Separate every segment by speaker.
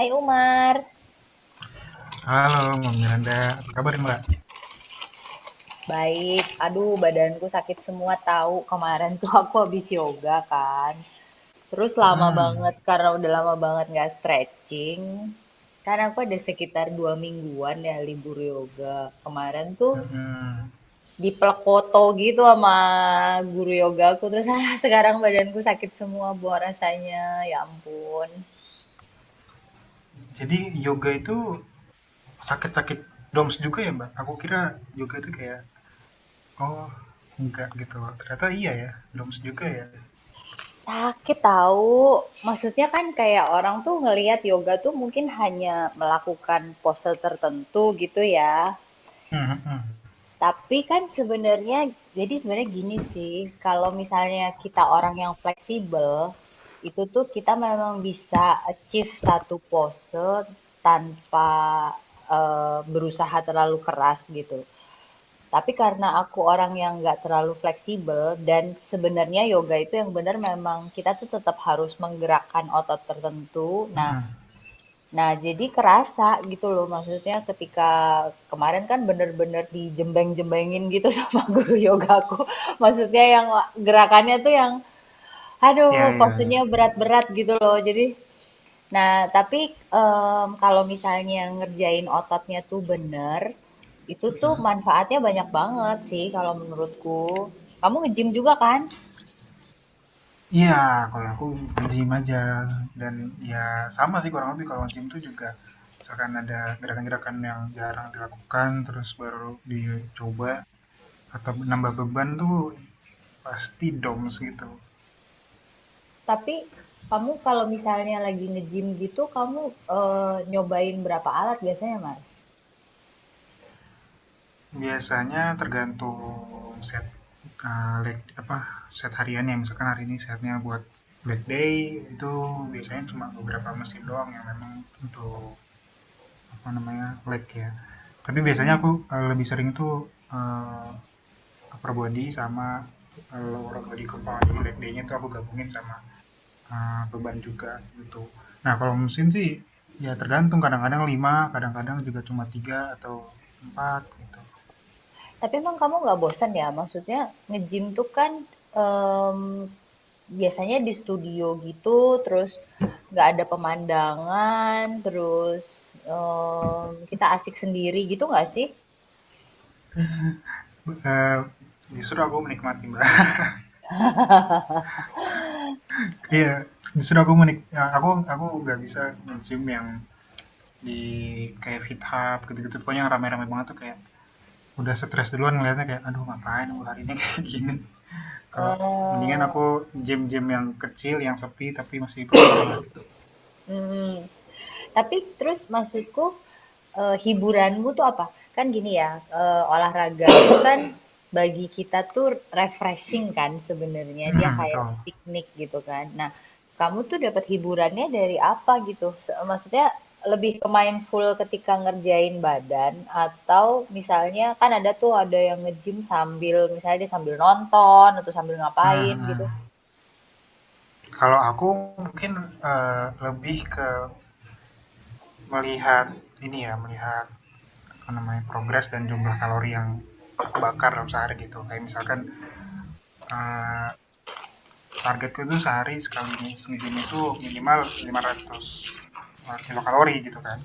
Speaker 1: Hai Umar.
Speaker 2: Halo, Mbak Miranda. Apa kabar, Mbak?
Speaker 1: Baik, aduh badanku sakit semua tahu. Kemarin tuh aku habis yoga kan. Terus lama
Speaker 2: Mhm,
Speaker 1: banget karena udah lama banget nggak stretching. Kan aku ada sekitar 2 mingguan ya libur yoga. Kemarin tuh
Speaker 2: mhm.
Speaker 1: dipelek foto gitu sama guru yoga aku. Terus sekarang badanku sakit semua buah rasanya. Ya ampun.
Speaker 2: Jadi yoga itu sakit-sakit DOMS juga ya, Mbak? Aku kira yoga itu kayak, oh, enggak gitu. Ternyata iya ya, DOMS juga ya.
Speaker 1: Sakit tahu. Maksudnya kan kayak orang tuh ngelihat yoga tuh mungkin hanya melakukan pose tertentu gitu ya.
Speaker 2: Mhm, mhm,
Speaker 1: Tapi kan sebenarnya jadi sebenarnya gini sih, kalau misalnya kita orang yang fleksibel, itu tuh kita memang bisa achieve satu pose tanpa berusaha terlalu keras gitu. Tapi karena aku orang yang nggak terlalu fleksibel dan sebenarnya yoga itu yang benar memang kita tuh tetap harus menggerakkan otot tertentu. Nah,
Speaker 2: mhm.
Speaker 1: nah, jadi kerasa gitu loh maksudnya ketika kemarin kan bener-bener dijembeng-jembengin gitu sama guru yoga aku. Maksudnya yang gerakannya tuh yang
Speaker 2: Iya,
Speaker 1: aduh
Speaker 2: iya, iya.
Speaker 1: posenya berat-berat gitu loh. Jadi. Nah, tapi, kalau misalnya ngerjain ototnya tuh bener, itu tuh
Speaker 2: Mhm.
Speaker 1: manfaatnya banyak banget sih kalau menurutku. Kamu nge-gym juga kan?
Speaker 2: Iya, kalau aku nge-gym aja. Dan ya sama sih kurang lebih kalau nge-gym tuh juga misalkan ada gerakan-gerakan yang jarang dilakukan, terus baru dicoba atau nambah beban tuh pasti DOMS gitu.
Speaker 1: Tapi kamu kalau misalnya lagi nge-gym gitu kamu, nyobain berapa alat biasanya, Mas?
Speaker 2: Biasanya tergantung set leg apa set hariannya. Misalkan hari ini setnya buat Black Day itu biasanya cuma beberapa mesin doang yang memang untuk apa namanya leg ya. Tapi biasanya aku
Speaker 1: Mhm.
Speaker 2: lebih sering tuh eh, upper body sama lower body compound. Jadi leg day-nya tuh aku gabungin sama beban juga gitu. Nah kalau musim sih, ya tergantung kadang-kadang 5, kadang-kadang juga cuma 3 atau 4 gitu.
Speaker 1: Tapi emang kamu nggak bosan ya? Maksudnya nge-gym tuh kan em, biasanya di studio gitu, terus nggak ada pemandangan, terus kita asik sendiri gitu nggak sih?
Speaker 2: Eee, Justru aku menikmati, Mbak, iya yeah, justru aku menik ya, aku nggak bisa musim yang di kayak fit hop gitu-gitu, pokoknya yang rame-rame banget tuh kayak udah stres duluan ngelihatnya kayak, "Aduh, ngapain gua hari ini kayak gini." Kalau mendingan
Speaker 1: Eh,
Speaker 2: aku gym-gym yang kecil, yang sepi tapi masih proper lah gitu.
Speaker 1: mm, Tapi terus maksudku, hiburanmu tuh apa? Kan gini ya, olahraga itu kan bagi kita tuh refreshing kan sebenarnya, dia
Speaker 2: Mhm,
Speaker 1: kayak
Speaker 2: betul.
Speaker 1: piknik gitu kan. Nah, kamu tuh dapat hiburannya dari apa gitu? Maksudnya lebih ke mindful ketika ngerjain badan atau misalnya kan ada tuh ada yang nge-gym sambil misalnya dia sambil nonton atau sambil
Speaker 2: Mhm,
Speaker 1: ngapain gitu?
Speaker 2: mhm. Kalau aku mungkin lebih ke melihat ini ya, melihat apa namanya progres dan jumlah kalori yang aku bakar dalam sehari gitu. Kayak misalkan eh, targetku tuh sehari sekali nge-gym itu minimal 500 kilokalori gitu kan.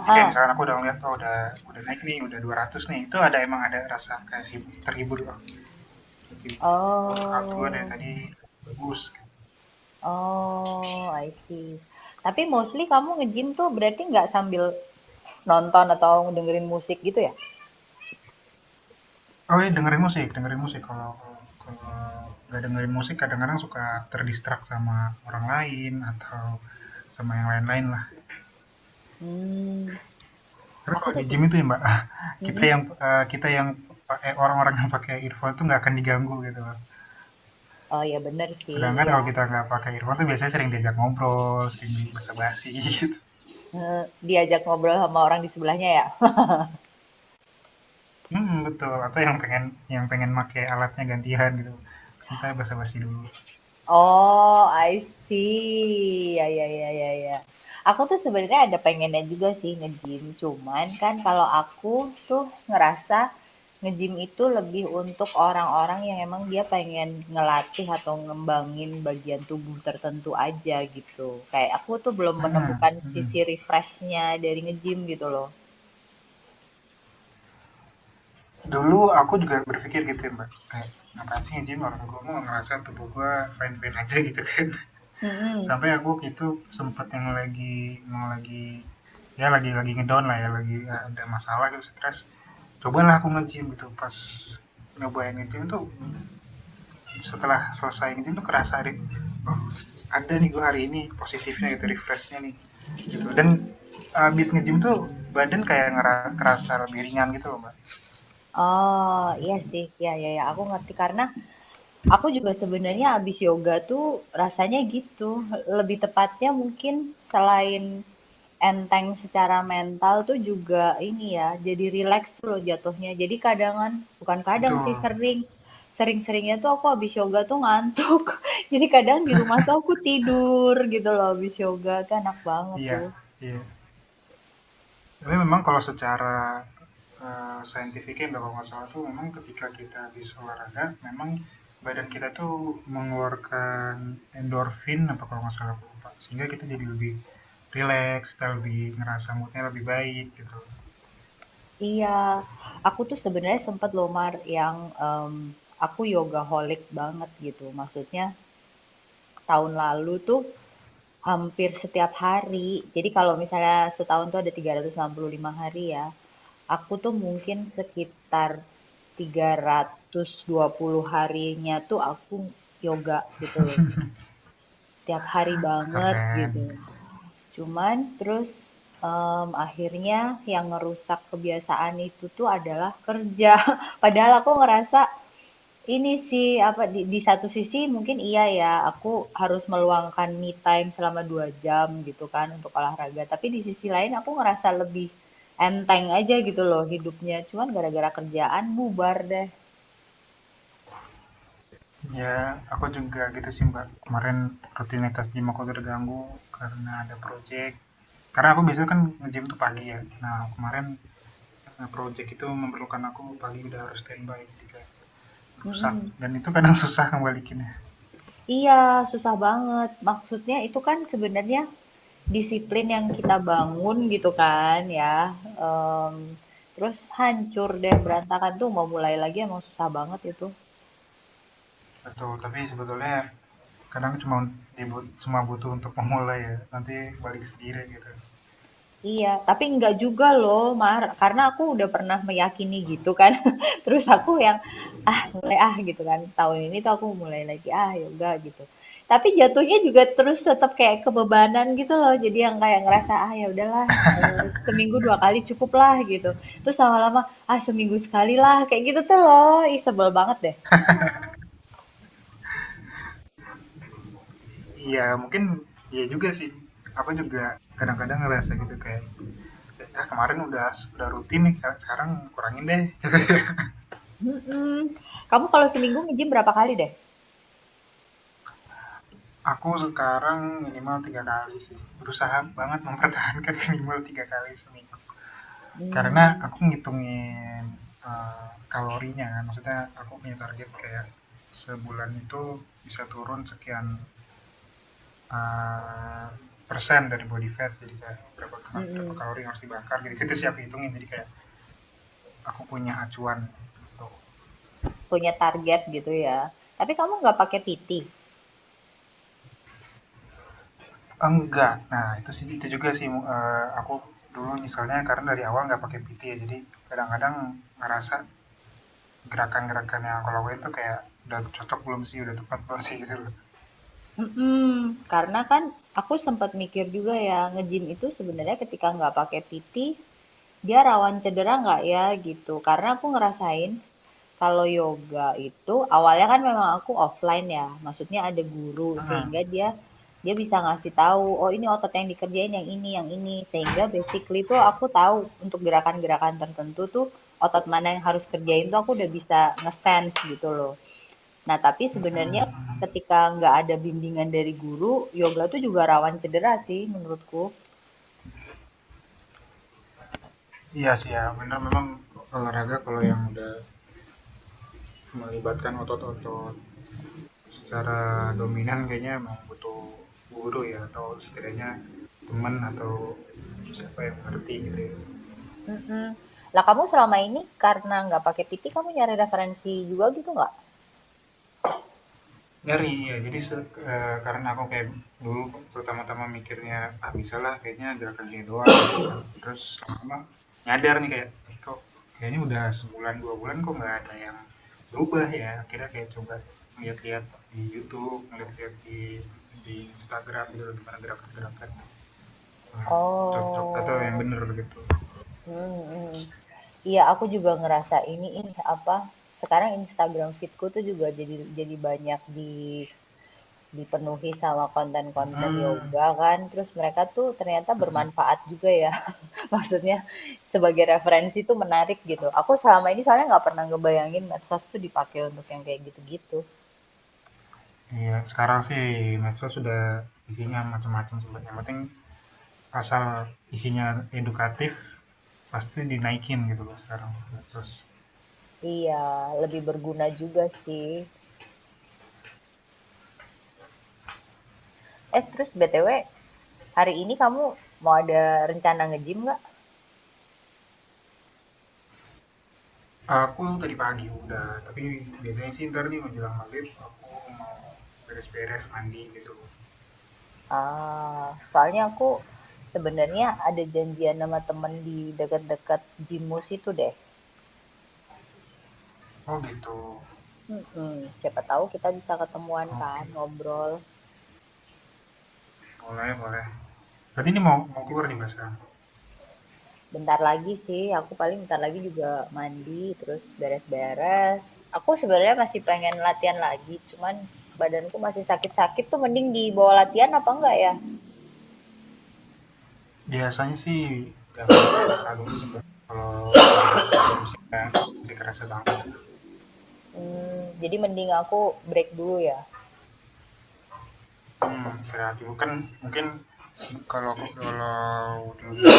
Speaker 2: Jadi kayak misalkan aku udah ngeliat, oh udah naik nih, udah 200 nih, itu ada emang ada rasa kayak terhibur loh. Jadi, workout gue dari
Speaker 1: Oh.
Speaker 2: tadi bagus gitu.
Speaker 1: Oh, I see. Tapi mostly kamu nge-gym tuh berarti nggak sambil nonton atau dengerin musik gitu ya?
Speaker 2: Oh iya, dengerin musik, dengerin musik. Kalau kalau nggak dengerin musik kadang-kadang suka ter sama orang lain atau sama yang lain-lain lah.
Speaker 1: Hmm,
Speaker 2: Terus
Speaker 1: aku
Speaker 2: kalau
Speaker 1: tuh
Speaker 2: di
Speaker 1: sih.
Speaker 2: gym itu ya, Mbak,
Speaker 1: Mhm.
Speaker 2: kita yang pakai, orang-orang yang pakai earphone itu nggak akan diganggu gitu loh.
Speaker 1: Oh ya bener sih,
Speaker 2: Sedangkan kalau
Speaker 1: iya.
Speaker 2: kita nggak pakai earphone tuh biasanya sering diajak ngobrol, sering di basa-basi gitu.
Speaker 1: Eh, diajak ngobrol sama orang di sebelahnya ya.
Speaker 2: Hmm, betul, atau yang pengen pakai alatnya gantian gitu, terus entar basa-basi dulu.
Speaker 1: Oh, I see. Ya ya ya ya ya. Aku tuh sebenarnya ada pengennya juga sih nge-gym, cuman kan kalau aku tuh ngerasa nge-gym itu lebih untuk orang-orang yang emang dia pengen ngelatih atau ngembangin bagian tubuh tertentu aja gitu. Kayak aku tuh belum
Speaker 2: Hmm.
Speaker 1: menemukan sisi
Speaker 2: Mhm.
Speaker 1: refreshnya dari nge-gym gitu loh.
Speaker 2: Dulu aku juga berpikir gitu ya, mbak, kayak ngapain sih nge-gym, orang gue mau ngerasa tubuh gue fine fine aja gitu kan.
Speaker 1: Mm-mm.
Speaker 2: Sampai aku itu sempet yang lagi ya lagi ngedown lah, ya lagi ada masalah gitu, stres. Cobalah aku nge-gym gitu. Pas nyobain nge-gym tuh, setelah selesai nge-gym tuh kerasa deh, oh, ada nih gue hari ini positifnya gitu, refreshnya nih gitu. Dan abis nge-gym tuh badan kayak ngerasa lebih ringan gitu loh, mbak.
Speaker 1: Oh, iya sih. Ya ya ya, aku ngerti karena aku juga sebenarnya abis yoga tuh rasanya gitu. Lebih tepatnya mungkin selain enteng secara mental tuh juga ini ya, jadi relax tuh loh jatuhnya. Jadi kadangan, bukan kadang sih
Speaker 2: Betul.
Speaker 1: sering, sering-seringnya tuh aku abis yoga tuh ngantuk. Jadi kadang di rumah tuh aku tidur gitu loh abis yoga, kan enak banget
Speaker 2: Iya,
Speaker 1: tuh.
Speaker 2: iya. Tapi memang kalau secara, saintifiknya kalau nggak salah tuh memang ketika kita habis olahraga, memang badan kita tuh mengeluarkan endorfin apa kalau nggak salah, aku lupa. Sehingga kita jadi lebih rileks, kita lebih ngerasa moodnya lebih baik gitu.
Speaker 1: Iya, aku tuh sebenarnya sempet loh Mar aku yoga holic banget gitu. Maksudnya tahun lalu tuh hampir setiap hari. Jadi kalau misalnya setahun tuh ada 365 hari ya, aku tuh mungkin sekitar 320 harinya tuh aku yoga gitu loh. Tiap hari banget gitu.
Speaker 2: Keren.
Speaker 1: Cuman terus akhirnya yang ngerusak kebiasaan itu tuh adalah kerja. Padahal aku ngerasa ini sih, apa, di satu sisi mungkin iya ya, aku harus meluangkan me time selama 2 jam gitu kan untuk olahraga, tapi di sisi lain aku ngerasa lebih enteng aja gitu loh hidupnya, cuman gara-gara kerjaan bubar deh.
Speaker 2: Ya, aku juga gitu sih, Mbak. Kemarin rutinitas gym aku terganggu karena ada project. Karena aku biasanya kan nge-gym tuh pagi ya. Nah, kemarin, projek itu memerlukan aku pagi udah harus standby, jadi kayak rusak,
Speaker 1: Mhm.
Speaker 2: dan itu kadang susah ngebalikinnya.
Speaker 1: Iya, susah banget. Maksudnya itu kan sebenarnya disiplin yang kita bangun gitu kan ya, Em, terus hancur deh berantakan tuh mau mulai lagi emang susah banget itu.
Speaker 2: Betul, tapi sebetulnya kadang cuma cuma butuh untuk memulai ya, nanti balik sendiri gitu.
Speaker 1: Iya, tapi enggak juga loh, Mar. Karena aku udah pernah meyakini gitu kan. Terus aku yang, ah mulai ah gitu kan. Tahun ini tuh aku mulai lagi, ah yoga gitu. Tapi jatuhnya juga terus tetap kayak kebebanan gitu loh. Jadi yang kayak ngerasa, ah ya udahlah, seminggu 2 kali cukup lah gitu. Terus lama-lama, ah seminggu sekali lah. Kayak gitu tuh loh. Ih, sebel banget deh.
Speaker 2: Iya, mungkin. Iya juga sih, aku juga kadang-kadang ngerasa gitu kayak, ah, kemarin udah rutin nih, sekarang kurangin deh.
Speaker 1: Mm-mm. Kamu kalau seminggu nge-gym berapa kali deh?
Speaker 2: Aku sekarang minimal 3 kali sih, berusaha banget mempertahankan minimal 3 kali seminggu. Karena
Speaker 1: Hmm,
Speaker 2: aku ngitungin, kalorinya kan, maksudnya aku punya target kayak sebulan itu bisa turun sekian, eee, persen dari body fat, jadi kayak berapa berapa
Speaker 1: mm-mm.
Speaker 2: kalori yang harus dibakar, jadi kita siap hitungin, jadi kayak aku punya acuan gitu.
Speaker 1: Punya target gitu ya. Tapi kamu nggak pakai PT?
Speaker 2: Enggak, nah itu sih, itu juga sih, aku dulu misalnya karena dari awal nggak pakai PT ya, jadi kadang-kadang ngerasa gerakan-gerakan yang aku lakuin tuh kayak udah cocok belum sih, udah tepat belum sih gitu loh.
Speaker 1: Mhm, karena kan aku sempat mikir juga ya, nge-gym itu sebenarnya ketika nggak pakai PT, dia rawan cedera nggak ya gitu. Karena aku ngerasain kalau yoga itu awalnya kan memang aku offline ya, maksudnya ada guru
Speaker 2: Mhm.
Speaker 1: sehingga dia dia bisa ngasih tahu, oh ini otot yang dikerjain yang ini, yang ini. Sehingga basically tuh aku tahu untuk gerakan-gerakan tertentu tuh otot mana yang harus kerjain tuh aku udah bisa nge-sense gitu loh. Nah, tapi sebenarnya
Speaker 2: Mm-mm.
Speaker 1: ketika nggak ada bimbingan dari guru, yoga tuh juga rawan cedera sih menurutku.
Speaker 2: Iya sih ya, benar, memang olahraga kalau yang udah melibatkan otot-otot secara dominan kayaknya memang butuh guru ya, atau setidaknya teman atau siapa yang ngerti gitu ya.
Speaker 1: Mm-mm. Lah kamu selama ini karena nggak pakai PT kamu nyari referensi juga gitu nggak?
Speaker 2: Ngeri, ya. Jadi, karena aku kayak dulu pertama-tama mikirnya, "Ah, bisalah kayaknya gerakan ini doang," gitu kan. Terus lama-lama nyadar nih kayak, "Ih, kok kayaknya udah sebulan, 2 bulan kok nggak ada yang berubah ya?" Akhirnya kayak coba lihat-lihat di YouTube, lihat-lihat di Instagram gitu gimana gerakan-gerakan, eee, cocok atau yang
Speaker 1: Oh,
Speaker 2: bener gitu.
Speaker 1: hmm, iya aku juga ngerasa ini apa? Sekarang Instagram feedku tuh juga jadi banyak di dipenuhi sama konten-konten
Speaker 2: Mhm,
Speaker 1: yoga kan. Terus mereka tuh ternyata
Speaker 2: mhm.
Speaker 1: bermanfaat juga ya. Maksudnya sebagai referensi itu menarik gitu. Aku selama ini soalnya nggak pernah ngebayangin medsos tuh dipakai untuk yang kayak gitu-gitu.
Speaker 2: Iya, uh-huh, uh-huh. Sekarang sih mesra sudah isinya macam-macam sebenarnya, yang penting asal isinya edukatif pasti dinaikin gitu loh sekarang, terus.
Speaker 1: Iya, lebih berguna juga sih. Terus BTW, hari ini kamu mau ada rencana nge-gym nggak?
Speaker 2: Aku tadi pagi udah, tapi biasanya sih ntar nih menjelang maghrib aku mau beres-beres mandi gitu.
Speaker 1: Ah, soalnya aku sebenarnya ada janjian sama temen di dekat-dekat gymmu itu deh.
Speaker 2: Oh, gitu.
Speaker 1: Mm-mm, siapa tahu kita bisa ketemuan kan,
Speaker 2: Oke,
Speaker 1: ngobrol.
Speaker 2: boleh, boleh. Berarti ini mau mau keluar nih, mas, sekarang?
Speaker 1: Bentar lagi sih, aku paling bentar lagi juga mandi, terus beres-beres. Aku sebenarnya masih pengen latihan lagi, cuman badanku masih sakit-sakit tuh mending dibawa latihan apa enggak ya?
Speaker 2: Biasanya sih jangan dipaksa dulu, kalau memang masih belum siap, masih kerasa banget.
Speaker 1: Hmm, jadi mending aku break dulu ya.
Speaker 2: Hmm, istirahat dulu kan mungkin. Kalau kalau dulu dulu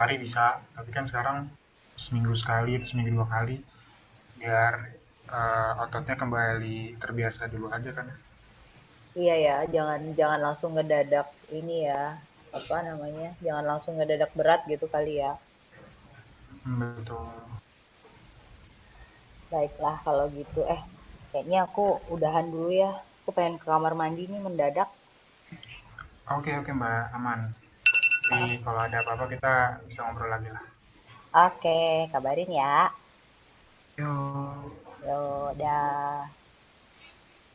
Speaker 2: hari bisa, tapi kan sekarang seminggu sekali atau seminggu 2 kali biar ototnya kembali terbiasa dulu aja kan.
Speaker 1: Iya ya, jangan jangan langsung ngedadak ini ya. Apa namanya? Jangan langsung ngedadak berat gitu kali ya.
Speaker 2: Hmm, betul.
Speaker 1: Baiklah kalau gitu. Kayaknya aku udahan dulu ya. Aku pengen ke kamar mandi nih mendadak.
Speaker 2: Oke, oke, mbak, aman. Jadi
Speaker 1: Ah,
Speaker 2: kalau ada apa-apa kita bisa ngobrol lagi lah.
Speaker 1: oke, kabarin ya.
Speaker 2: Yuk.
Speaker 1: Ya udah.